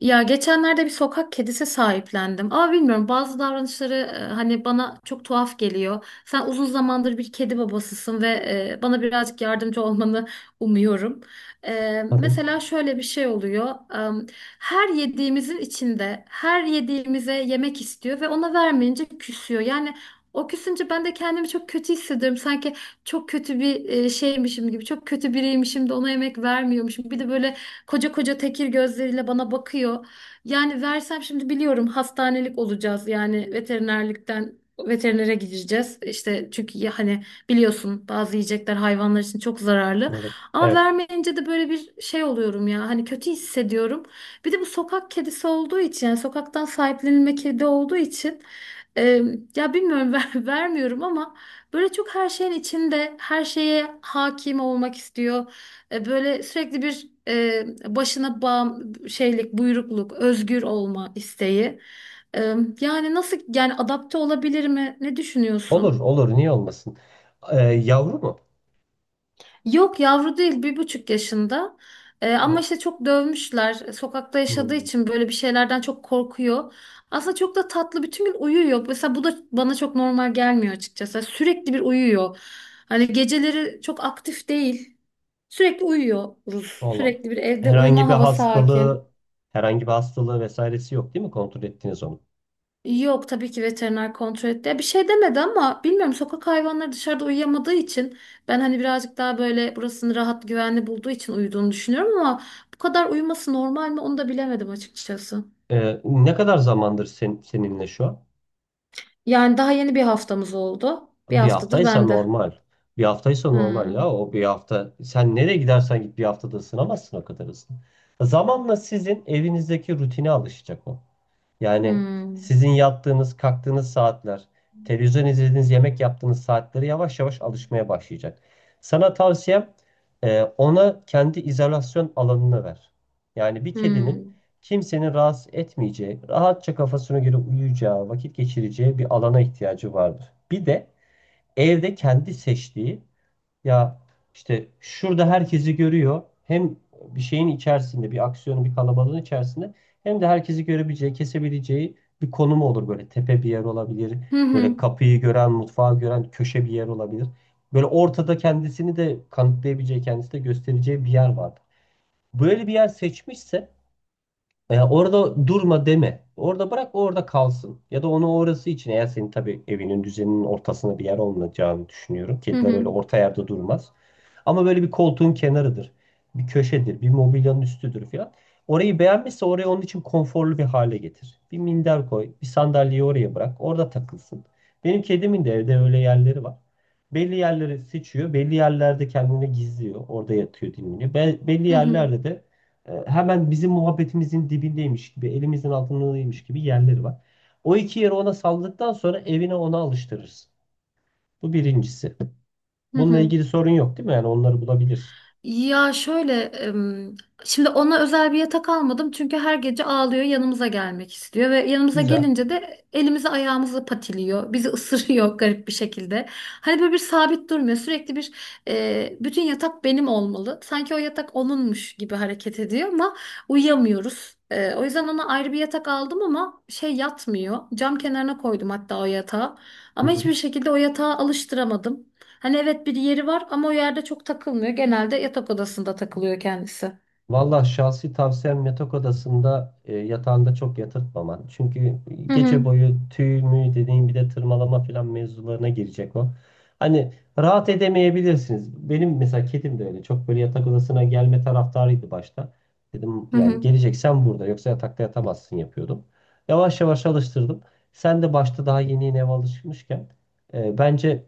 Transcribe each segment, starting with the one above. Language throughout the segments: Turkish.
Ya geçenlerde bir sokak kedisi sahiplendim. Ama bilmiyorum bazı davranışları hani bana çok tuhaf geliyor. Sen uzun zamandır bir kedi babasısın ve bana birazcık yardımcı olmanı umuyorum. Tabii. Mesela şöyle bir şey oluyor. E, Her yediğimizin içinde her yediğimize yemek istiyor ve ona vermeyince küsüyor. Yani o küsünce ben de kendimi çok kötü hissediyorum. Sanki çok kötü bir şeymişim gibi, çok kötü biriymişim de ona yemek vermiyormuşum. Bir de böyle koca koca tekir gözleriyle bana bakıyor. Yani versem şimdi biliyorum hastanelik olacağız. Yani veterinere gideceğiz. İşte çünkü ya hani biliyorsun bazı yiyecekler hayvanlar için çok zararlı. Evet. Ama Evet. vermeyince de böyle bir şey oluyorum ya. Hani kötü hissediyorum. Bir de bu sokak kedisi olduğu için yani sokaktan sahiplenilme kedi olduğu için e, ya bilmiyorum vermiyorum ama böyle çok her şeyin içinde her şeye hakim olmak istiyor. Böyle sürekli bir başına bağım şeylik, buyrukluk, özgür olma isteği. E, Yani nasıl yani adapte olabilir mi? Ne Olur, düşünüyorsun? olur. Niye olmasın? Yavru mu? Yok yavru değil bir buçuk yaşında. Ama Ha, işte çok dövmüşler. Sokakta yaşadığı Hmm. için böyle bir şeylerden çok korkuyor. Aslında çok da tatlı bütün gün uyuyor. Mesela bu da bana çok normal gelmiyor açıkçası. Sürekli bir uyuyor. Hani geceleri çok aktif değil. Sürekli uyuyoruz. Oğlum. Sürekli bir evde Herhangi uyuma bir havası hakim. hastalığı, Herhangi bir hastalığı vesairesi yok değil mi? Kontrol ettiniz onu. Yok tabii ki veteriner kontrol etti. Ya bir şey demedi ama bilmiyorum sokak hayvanları dışarıda uyuyamadığı için ben hani birazcık daha böyle burasını rahat güvenli bulduğu için uyuduğunu düşünüyorum ama bu kadar uyuması normal mi onu da bilemedim açıkçası. Ne kadar zamandır seninle şu an? Yani daha yeni bir haftamız oldu. Bir Bir haftadır haftaysa bende. normal. Bir haftaysa normal ya. Hmm. O bir hafta. Sen nereye gidersen git bir haftada ısınamazsın o kadar hızlı. Zamanla sizin evinizdeki rutine alışacak o. Yani Hmm. sizin yattığınız, kalktığınız saatler, televizyon izlediğiniz, yemek yaptığınız saatleri yavaş yavaş alışmaya başlayacak. Sana tavsiyem ona kendi izolasyon alanını ver. Yani bir kedinin Hmm. kimsenin rahatsız etmeyeceği, rahatça kafasına göre uyuyacağı, vakit geçireceği bir alana ihtiyacı vardır. Bir de evde kendi seçtiği ya, işte şurada herkesi görüyor. Hem bir şeyin içerisinde, bir aksiyonun, bir kalabalığın içerisinde hem de herkesi görebileceği, kesebileceği bir konumu olur böyle. Tepe bir yer olabilir. Hı Böyle hı. kapıyı gören, mutfağı gören köşe bir yer olabilir. Böyle ortada kendisini de kanıtlayabileceği, kendisi de göstereceği bir yer vardır. Böyle bir yer seçmişse orada durma deme. Orada bırak, o orada kalsın. Ya da onu orası için, eğer senin tabii evinin düzeninin ortasında bir yer olmayacağını düşünüyorum. Hı Kediler hı. öyle orta yerde durmaz. Ama böyle bir koltuğun kenarıdır. Bir köşedir. Bir mobilyanın üstüdür falan. Orayı beğenmişse orayı onun için konforlu bir hale getir. Bir minder koy. Bir sandalyeyi oraya bırak. Orada takılsın. Benim kedimin de evde öyle yerleri var. Belli yerleri seçiyor. Belli yerlerde kendini gizliyor. Orada yatıyor, dinleniyor. Belli Hı hı. yerlerde de hemen bizim muhabbetimizin dibindeymiş gibi, elimizin altındaymış gibi yerleri var. O iki yeri ona salladıktan sonra evine ona alıştırırız. Bu birincisi. Hı Bununla hı. ilgili sorun yok değil mi? Yani onları bulabilirsin. Ya şöyle, şimdi ona özel bir yatak almadım çünkü her gece ağlıyor, yanımıza gelmek istiyor ve yanımıza Güzel. gelince de elimizi ayağımızı patiliyor, bizi ısırıyor garip bir şekilde. Hani böyle bir sabit durmuyor, sürekli bir bütün yatak benim olmalı. Sanki o yatak onunmuş gibi hareket ediyor ama uyuyamıyoruz. O yüzden ona ayrı bir yatak aldım ama şey yatmıyor. Cam kenarına koydum hatta o yatağı. Hı Ama hı. hiçbir şekilde o yatağa alıştıramadım. Hani evet bir yeri var ama o yerde çok takılmıyor. Genelde yatak odasında takılıyor kendisi. Valla şahsi tavsiyem yatak odasında yatağında çok yatırtmaman. Çünkü Hı gece hı. boyu tüy mü dediğin, bir de tırmalama falan mevzularına girecek o. Hani rahat edemeyebilirsiniz. Benim mesela kedim de öyle. Çok böyle yatak odasına gelme taraftarıydı başta. Dedim Hı yani hı. geleceksen burada, yoksa yatakta yatamazsın yapıyordum. Yavaş yavaş alıştırdım. Sen de başta daha yeni yeni eve alışmışken bence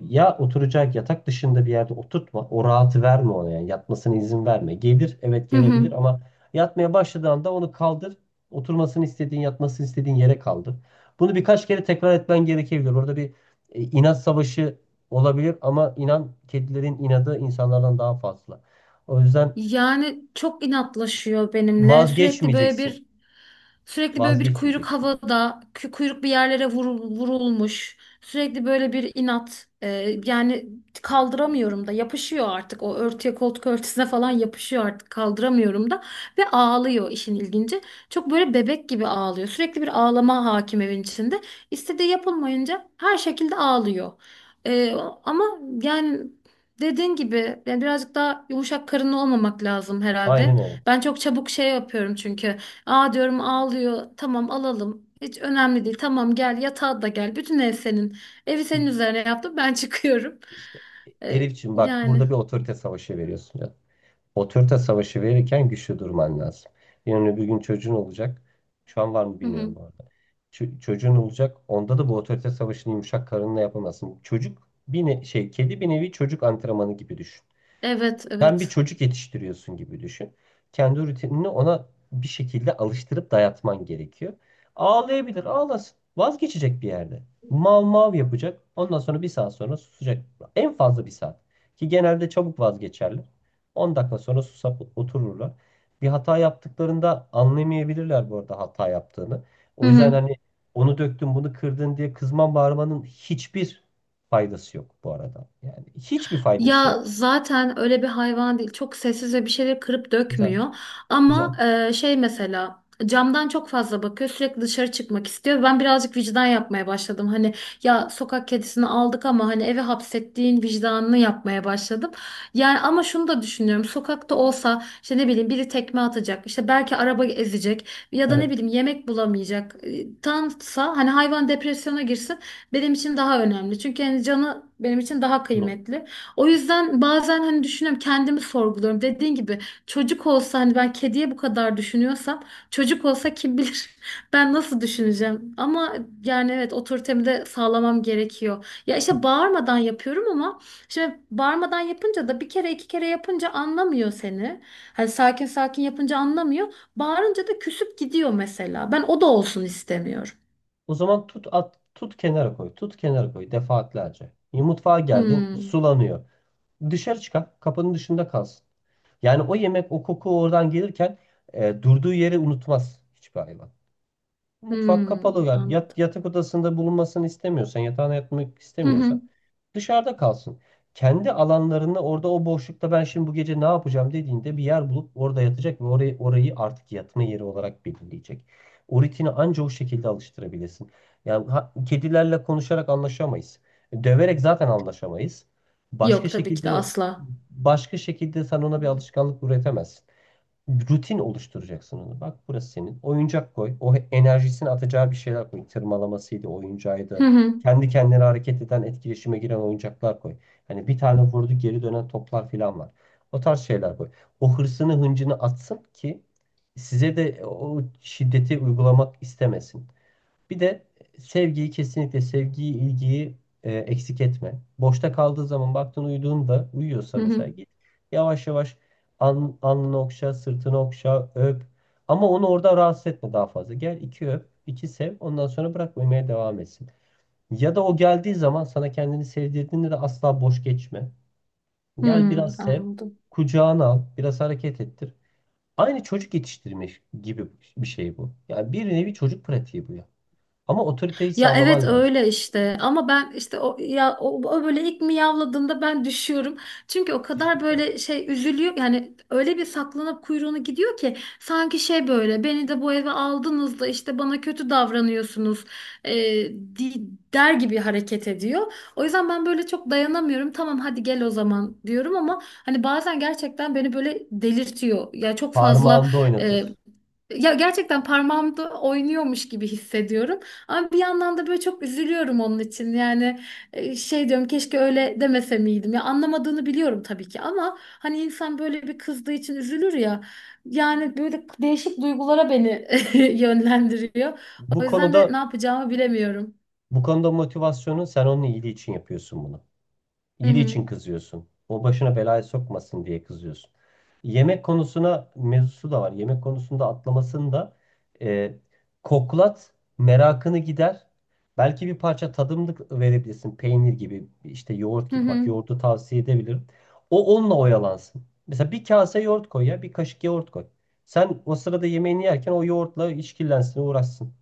ya oturacak, yatak dışında bir yerde oturtma. O rahatı verme ona yani. Yatmasına izin verme. Gelir, evet Hı gelebilir hı. ama yatmaya başladığı anda onu kaldır. Oturmasını istediğin, yatmasını istediğin yere kaldır. Bunu birkaç kere tekrar etmen gerekebilir. Orada bir inat savaşı olabilir ama inan, kedilerin inadı insanlardan daha fazla. O yüzden Yani çok inatlaşıyor benimle. Vazgeçmeyeceksin. Sürekli böyle bir kuyruk Vazgeçmeyeceksin. havada, kuyruk bir yerlere vurulmuş. Sürekli böyle bir inat. Yani kaldıramıyorum da yapışıyor artık o örtüye koltuk örtüsüne falan yapışıyor artık kaldıramıyorum da ve ağlıyor işin ilginci. Çok böyle bebek gibi ağlıyor. Sürekli bir ağlama hakim evin içinde. İstediği yapılmayınca her şekilde ağlıyor. Ee, Ama yani dediğin gibi yani birazcık daha yumuşak karınlı olmamak lazım herhalde. Aynen öyle. Ben çok çabuk şey yapıyorum çünkü. Aa diyorum ağlıyor. Tamam alalım. Hiç önemli değil. Tamam gel yatağa da gel. Bütün ev senin. Evi senin üzerine yaptım. Ben çıkıyorum. İşte Ee, Elifçim, bak, burada Yani. bir otorite savaşı veriyorsun ya. Otorite savaşı verirken güçlü durman lazım. Yarın öbür gün çocuğun olacak. Şu an var mı Hı hı. bilmiyorum bu arada. Çocuğun olacak. Onda da bu otorite savaşını yumuşak karınla yapamazsın. Çocuk bir kedi bir nevi çocuk antrenmanı gibi düşün. Evet Sen bir evet. çocuk yetiştiriyorsun gibi düşün. Kendi rutinini ona bir şekilde alıştırıp dayatman gerekiyor. Ağlayabilir, ağlasın. Vazgeçecek bir yerde. Mav mav yapacak. Ondan sonra bir saat sonra susacak. En fazla bir saat. Ki genelde çabuk vazgeçerler. 10 dakika sonra susap otururlar. Bir hata yaptıklarında anlamayabilirler bu arada, hata yaptığını. Hı O yüzden hı. hani onu döktün, bunu kırdın diye kızman bağırmanın hiçbir faydası yok bu arada. Yani hiçbir faydası yok. Ya zaten öyle bir hayvan değil. Çok sessiz ve bir şeyleri kırıp Güzel, dökmüyor. Ama güzel. Mesela camdan çok fazla bakıyor. Sürekli dışarı çıkmak istiyor. Ben birazcık vicdan yapmaya başladım. Hani ya sokak kedisini aldık ama hani eve hapsettiğin vicdanını yapmaya başladım. Yani ama şunu da düşünüyorum. Sokakta olsa işte ne bileyim biri tekme atacak. İşte belki araba ezecek ya da ne Evet. bileyim yemek bulamayacak. Tansa hani hayvan depresyona girsin benim için daha önemli. Çünkü yani canı benim için daha Ne? kıymetli. O yüzden bazen hani düşünüyorum kendimi sorguluyorum. Dediğin gibi çocuk olsa hani ben kediye bu kadar düşünüyorsam çocuk olsa kim bilir ben nasıl düşüneceğim. Ama yani evet otoritemi de sağlamam gerekiyor. Ya işte bağırmadan yapıyorum ama şimdi bağırmadan yapınca da bir kere iki kere yapınca anlamıyor seni. Hani sakin sakin yapınca anlamıyor. Bağırınca da küsüp gidiyor mesela. Ben o da olsun istemiyorum. O zaman tut at, tut kenara koy. Tut kenara koy defaatlerce. Mutfağa geldin, Hmm, sulanıyor. Dışarı çıkar. Kapının dışında kalsın. Yani o yemek, o koku oradan gelirken durduğu yeri unutmaz hiçbir hayvan. Mutfak hmm, kapalı ver. anladım. Yatak odasında bulunmasını istemiyorsan, yatağına yatmak Hı hı. istemiyorsan dışarıda kalsın. Kendi alanlarında, orada o boşlukta, ben şimdi bu gece ne yapacağım dediğinde bir yer bulup orada yatacak ve orayı artık yatma yeri olarak belirleyecek. O rutini anca o şekilde alıştırabilirsin. Yani kedilerle konuşarak anlaşamayız. Döverek zaten anlaşamayız. Başka Yok tabii ki şekilde de asla. Başka şekilde sen ona bir alışkanlık üretemezsin, rutin oluşturacaksın onu. Bak, burası senin. Oyuncak koy. O enerjisini atacağı bir şeyler koy. Tırmalamasıydı, Hı oyuncağıydı. hı. Kendi kendine hareket eden, etkileşime giren oyuncaklar koy. Hani bir tane vurdu, geri dönen toplar falan var. O tarz şeyler koy. O hırsını, hıncını atsın ki size de o şiddeti uygulamak istemesin. Bir de sevgiyi, kesinlikle sevgiyi, ilgiyi eksik etme. Boşta kaldığı zaman, baktın uyuduğunda, uyuyorsa Hı mesela hı. git yavaş yavaş alnını okşa, sırtını okşa, öp. Ama onu orada rahatsız etme daha fazla. Gel, iki öp, iki sev. Ondan sonra bırak, uyumaya devam etsin. Ya da o geldiği zaman, sana kendini sevdirdiğinde de asla boş geçme. Gel Hmm, biraz sev, anladım. kucağına al, biraz hareket ettir. Aynı çocuk yetiştirme gibi bir şey bu. Yani bir nevi çocuk pratiği bu ya. Ama otoriteyi Ya evet sağlaman lazım. öyle işte ama ben işte o ya o böyle ilk miyavladığında ben düşüyorum. Çünkü o kadar Yetişmeyeceksin. böyle şey üzülüyor yani öyle bir saklanıp kuyruğunu gidiyor ki sanki şey böyle beni de bu eve aldınız da işte bana kötü davranıyorsunuz e, di- der gibi hareket ediyor. O yüzden ben böyle çok dayanamıyorum. Tamam hadi gel o zaman diyorum ama hani bazen gerçekten beni böyle delirtiyor. Parmağında e, oynatır. Ya gerçekten parmağımda oynuyormuş gibi hissediyorum. Ama bir yandan da böyle çok üzülüyorum onun için. Yani şey diyorum keşke öyle demese miydim. Ya anlamadığını biliyorum tabii ki ama hani insan böyle bir kızdığı için üzülür ya. Yani böyle değişik duygulara beni yönlendiriyor. Bu O yüzden de konuda ne yapacağımı bilemiyorum. Bu konuda motivasyonu sen onun iyiliği için yapıyorsun bunu. Hı İyiliği hı. için kızıyorsun. O başına belaya sokmasın diye kızıyorsun. Yemek konusuna, mevzusu da var. Yemek konusunda atlamasını da e, koklat, merakını gider. Belki bir parça tadımlık verebilirsin. Peynir gibi, işte yoğurt Hı gibi. Bak, hı. yoğurdu tavsiye edebilirim. O onunla oyalansın. Mesela bir kase yoğurt koy ya, bir kaşık yoğurt koy. Sen o sırada yemeğini yerken o yoğurtla işkillensin, uğraşsın.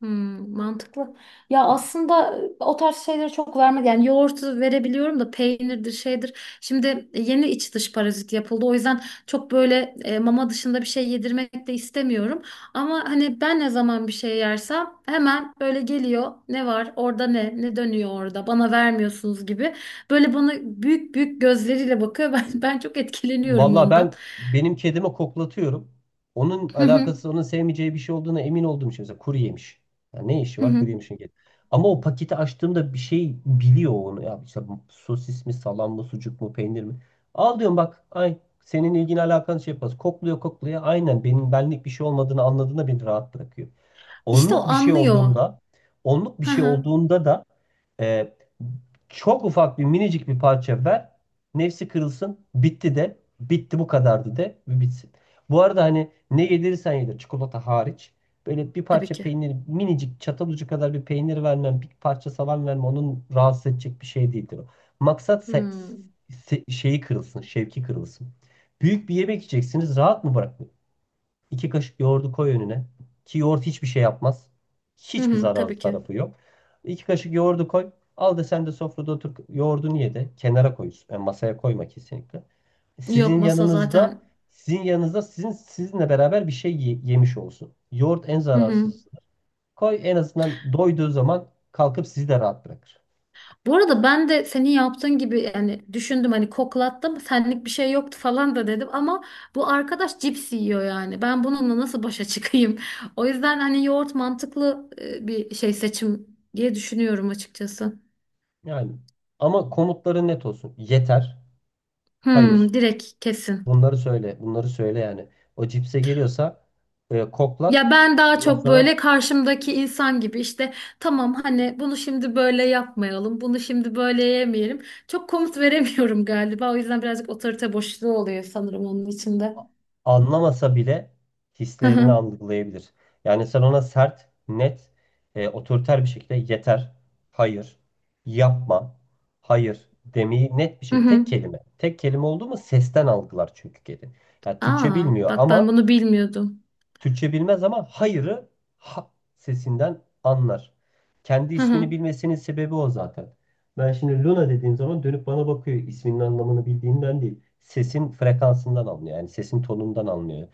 Hmm, mantıklı. Ya aslında o tarz şeyleri çok vermedi. Yani yoğurtu verebiliyorum da peynirdir şeydir. Şimdi yeni iç dış parazit yapıldı. O yüzden çok böyle mama dışında bir şey yedirmek de istemiyorum. Ama hani ben ne zaman bir şey yersem hemen böyle geliyor. Ne var orada ne? Ne dönüyor orada? Bana vermiyorsunuz gibi. Böyle bana büyük büyük gözleriyle bakıyor. Ben çok etkileniyorum Valla ondan. ben benim kedime koklatıyorum. Onun Hı hı, alakası, onun sevmeyeceği bir şey olduğuna emin olduğum için. Mesela kuru yemiş. Ya ne işi hı var hı. kuru yemişin, kedi. Ama o paketi açtığımda bir şey biliyor onu. Ya işte sosis mi, salam mı, sucuk mu, peynir mi? Al diyorum, bak. Ay, senin ilgin alakan şey yapmaz. Kokluyor, kokluyor. Aynen, benim benlik bir şey olmadığını anladığında beni rahat bırakıyor. İşte o Onluk bir şey anlıyor. olduğunda, Onluk bir Hı şey hı, olduğunda da e, çok ufak, bir minicik bir parça ver. Nefsi kırılsın. Bitti de. Bitti, bu kadardı de. Ve bitsin. Bu arada hani ne yedirirsen yedir. Çikolata hariç. Böyle bir tabii parça ki. peynir, minicik, çatal ucu kadar bir peynir vermem. Bir parça salam vermem. Onun rahatsız edecek bir şey değildir o. Maksat Hmm. Şeyi kırılsın. Şevki kırılsın. Büyük bir yemek yiyeceksiniz. Rahat mı bırak? İki kaşık yoğurdu koy önüne. Ki yoğurt hiçbir şey yapmaz. Hı Hiçbir hı, zararlı tabii ki. tarafı yok. İki kaşık yoğurdu koy. Al da sen de sofrada otur, yoğurdunu ye de kenara koy. Yani masaya koyma kesinlikle. Yok Sizin masa yanınızda zaten. Sizin yanınızda sizinle beraber bir şey yemiş olsun. Yoğurt en Hı hı. zararsız. Koy, en azından doyduğu zaman kalkıp sizi de rahat bırakır. Bu arada ben de senin yaptığın gibi yani düşündüm hani koklattım senlik bir şey yoktu falan da dedim ama bu arkadaş cips yiyor yani. Ben bununla nasıl başa çıkayım? O yüzden hani yoğurt mantıklı bir şey seçim diye düşünüyorum açıkçası. Yani ama komutları net olsun. Yeter. Hmm, Hayır. direkt kesin. Bunları söyle, bunları söyle yani. O cipse geliyorsa koklat. Ya ben daha Ondan çok sonra böyle karşımdaki insan gibi işte tamam hani bunu şimdi böyle yapmayalım, bunu şimdi böyle yemeyelim. Çok komut veremiyorum galiba. O yüzden birazcık otorite boşluğu oluyor sanırım onun içinde. anlamasa bile Hı hislerini hı. algılayabilir. Yani sen ona sert, net, otoriter bir şekilde yeter, hayır, yapma, hayır demeyi, net bir Hı şekilde tek hı. kelime. Tek kelime oldu mu sesten algılar çünkü kedi. Yani Aa, bak ben bunu bilmiyordum. Türkçe bilmez ama hayırı ha sesinden anlar. Kendi Hı ismini hı. bilmesinin sebebi o zaten. Ben şimdi Luna dediğim zaman dönüp bana bakıyor. İsminin anlamını bildiğinden değil. Sesin frekansından anlıyor. Yani sesin tonundan anlıyor.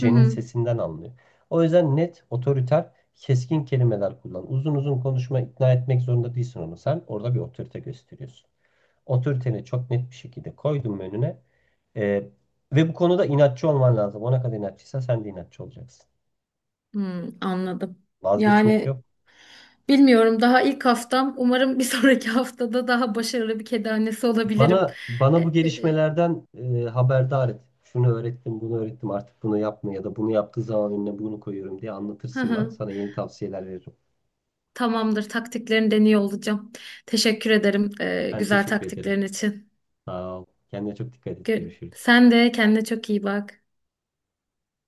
Hı hı. sesinden anlıyor. O yüzden net, otoriter, keskin kelimeler kullan. Uzun uzun konuşma, ikna etmek zorunda değilsin onu. Sen orada bir otorite gösteriyorsun. Otoriteni çok net bir şekilde koydun önüne. Ee, Ve bu konuda inatçı olman lazım. Ona kadar inatçıysa sen de inatçı olacaksın. Hmm, anladım. Vazgeçmek Yani yok. bilmiyorum daha ilk haftam. Umarım bir sonraki haftada daha başarılı bir kedi annesi olabilirim. E, Bana bu e, e, gelişmelerden haberdar et. Şunu öğrettim, bunu öğrettim. Artık bunu yapma ya da bunu yaptığı zaman önüne bunu koyuyorum diye Hı anlatırsın bana. hı. Sana yeni tavsiyeler veririm. Tamamdır. Taktiklerini deniyor olacağım. Teşekkür ederim Ben güzel teşekkür ederim. taktiklerin için. Sağ ol. Kendine çok dikkat et. Görüşürüz. Sen de kendine çok iyi bak.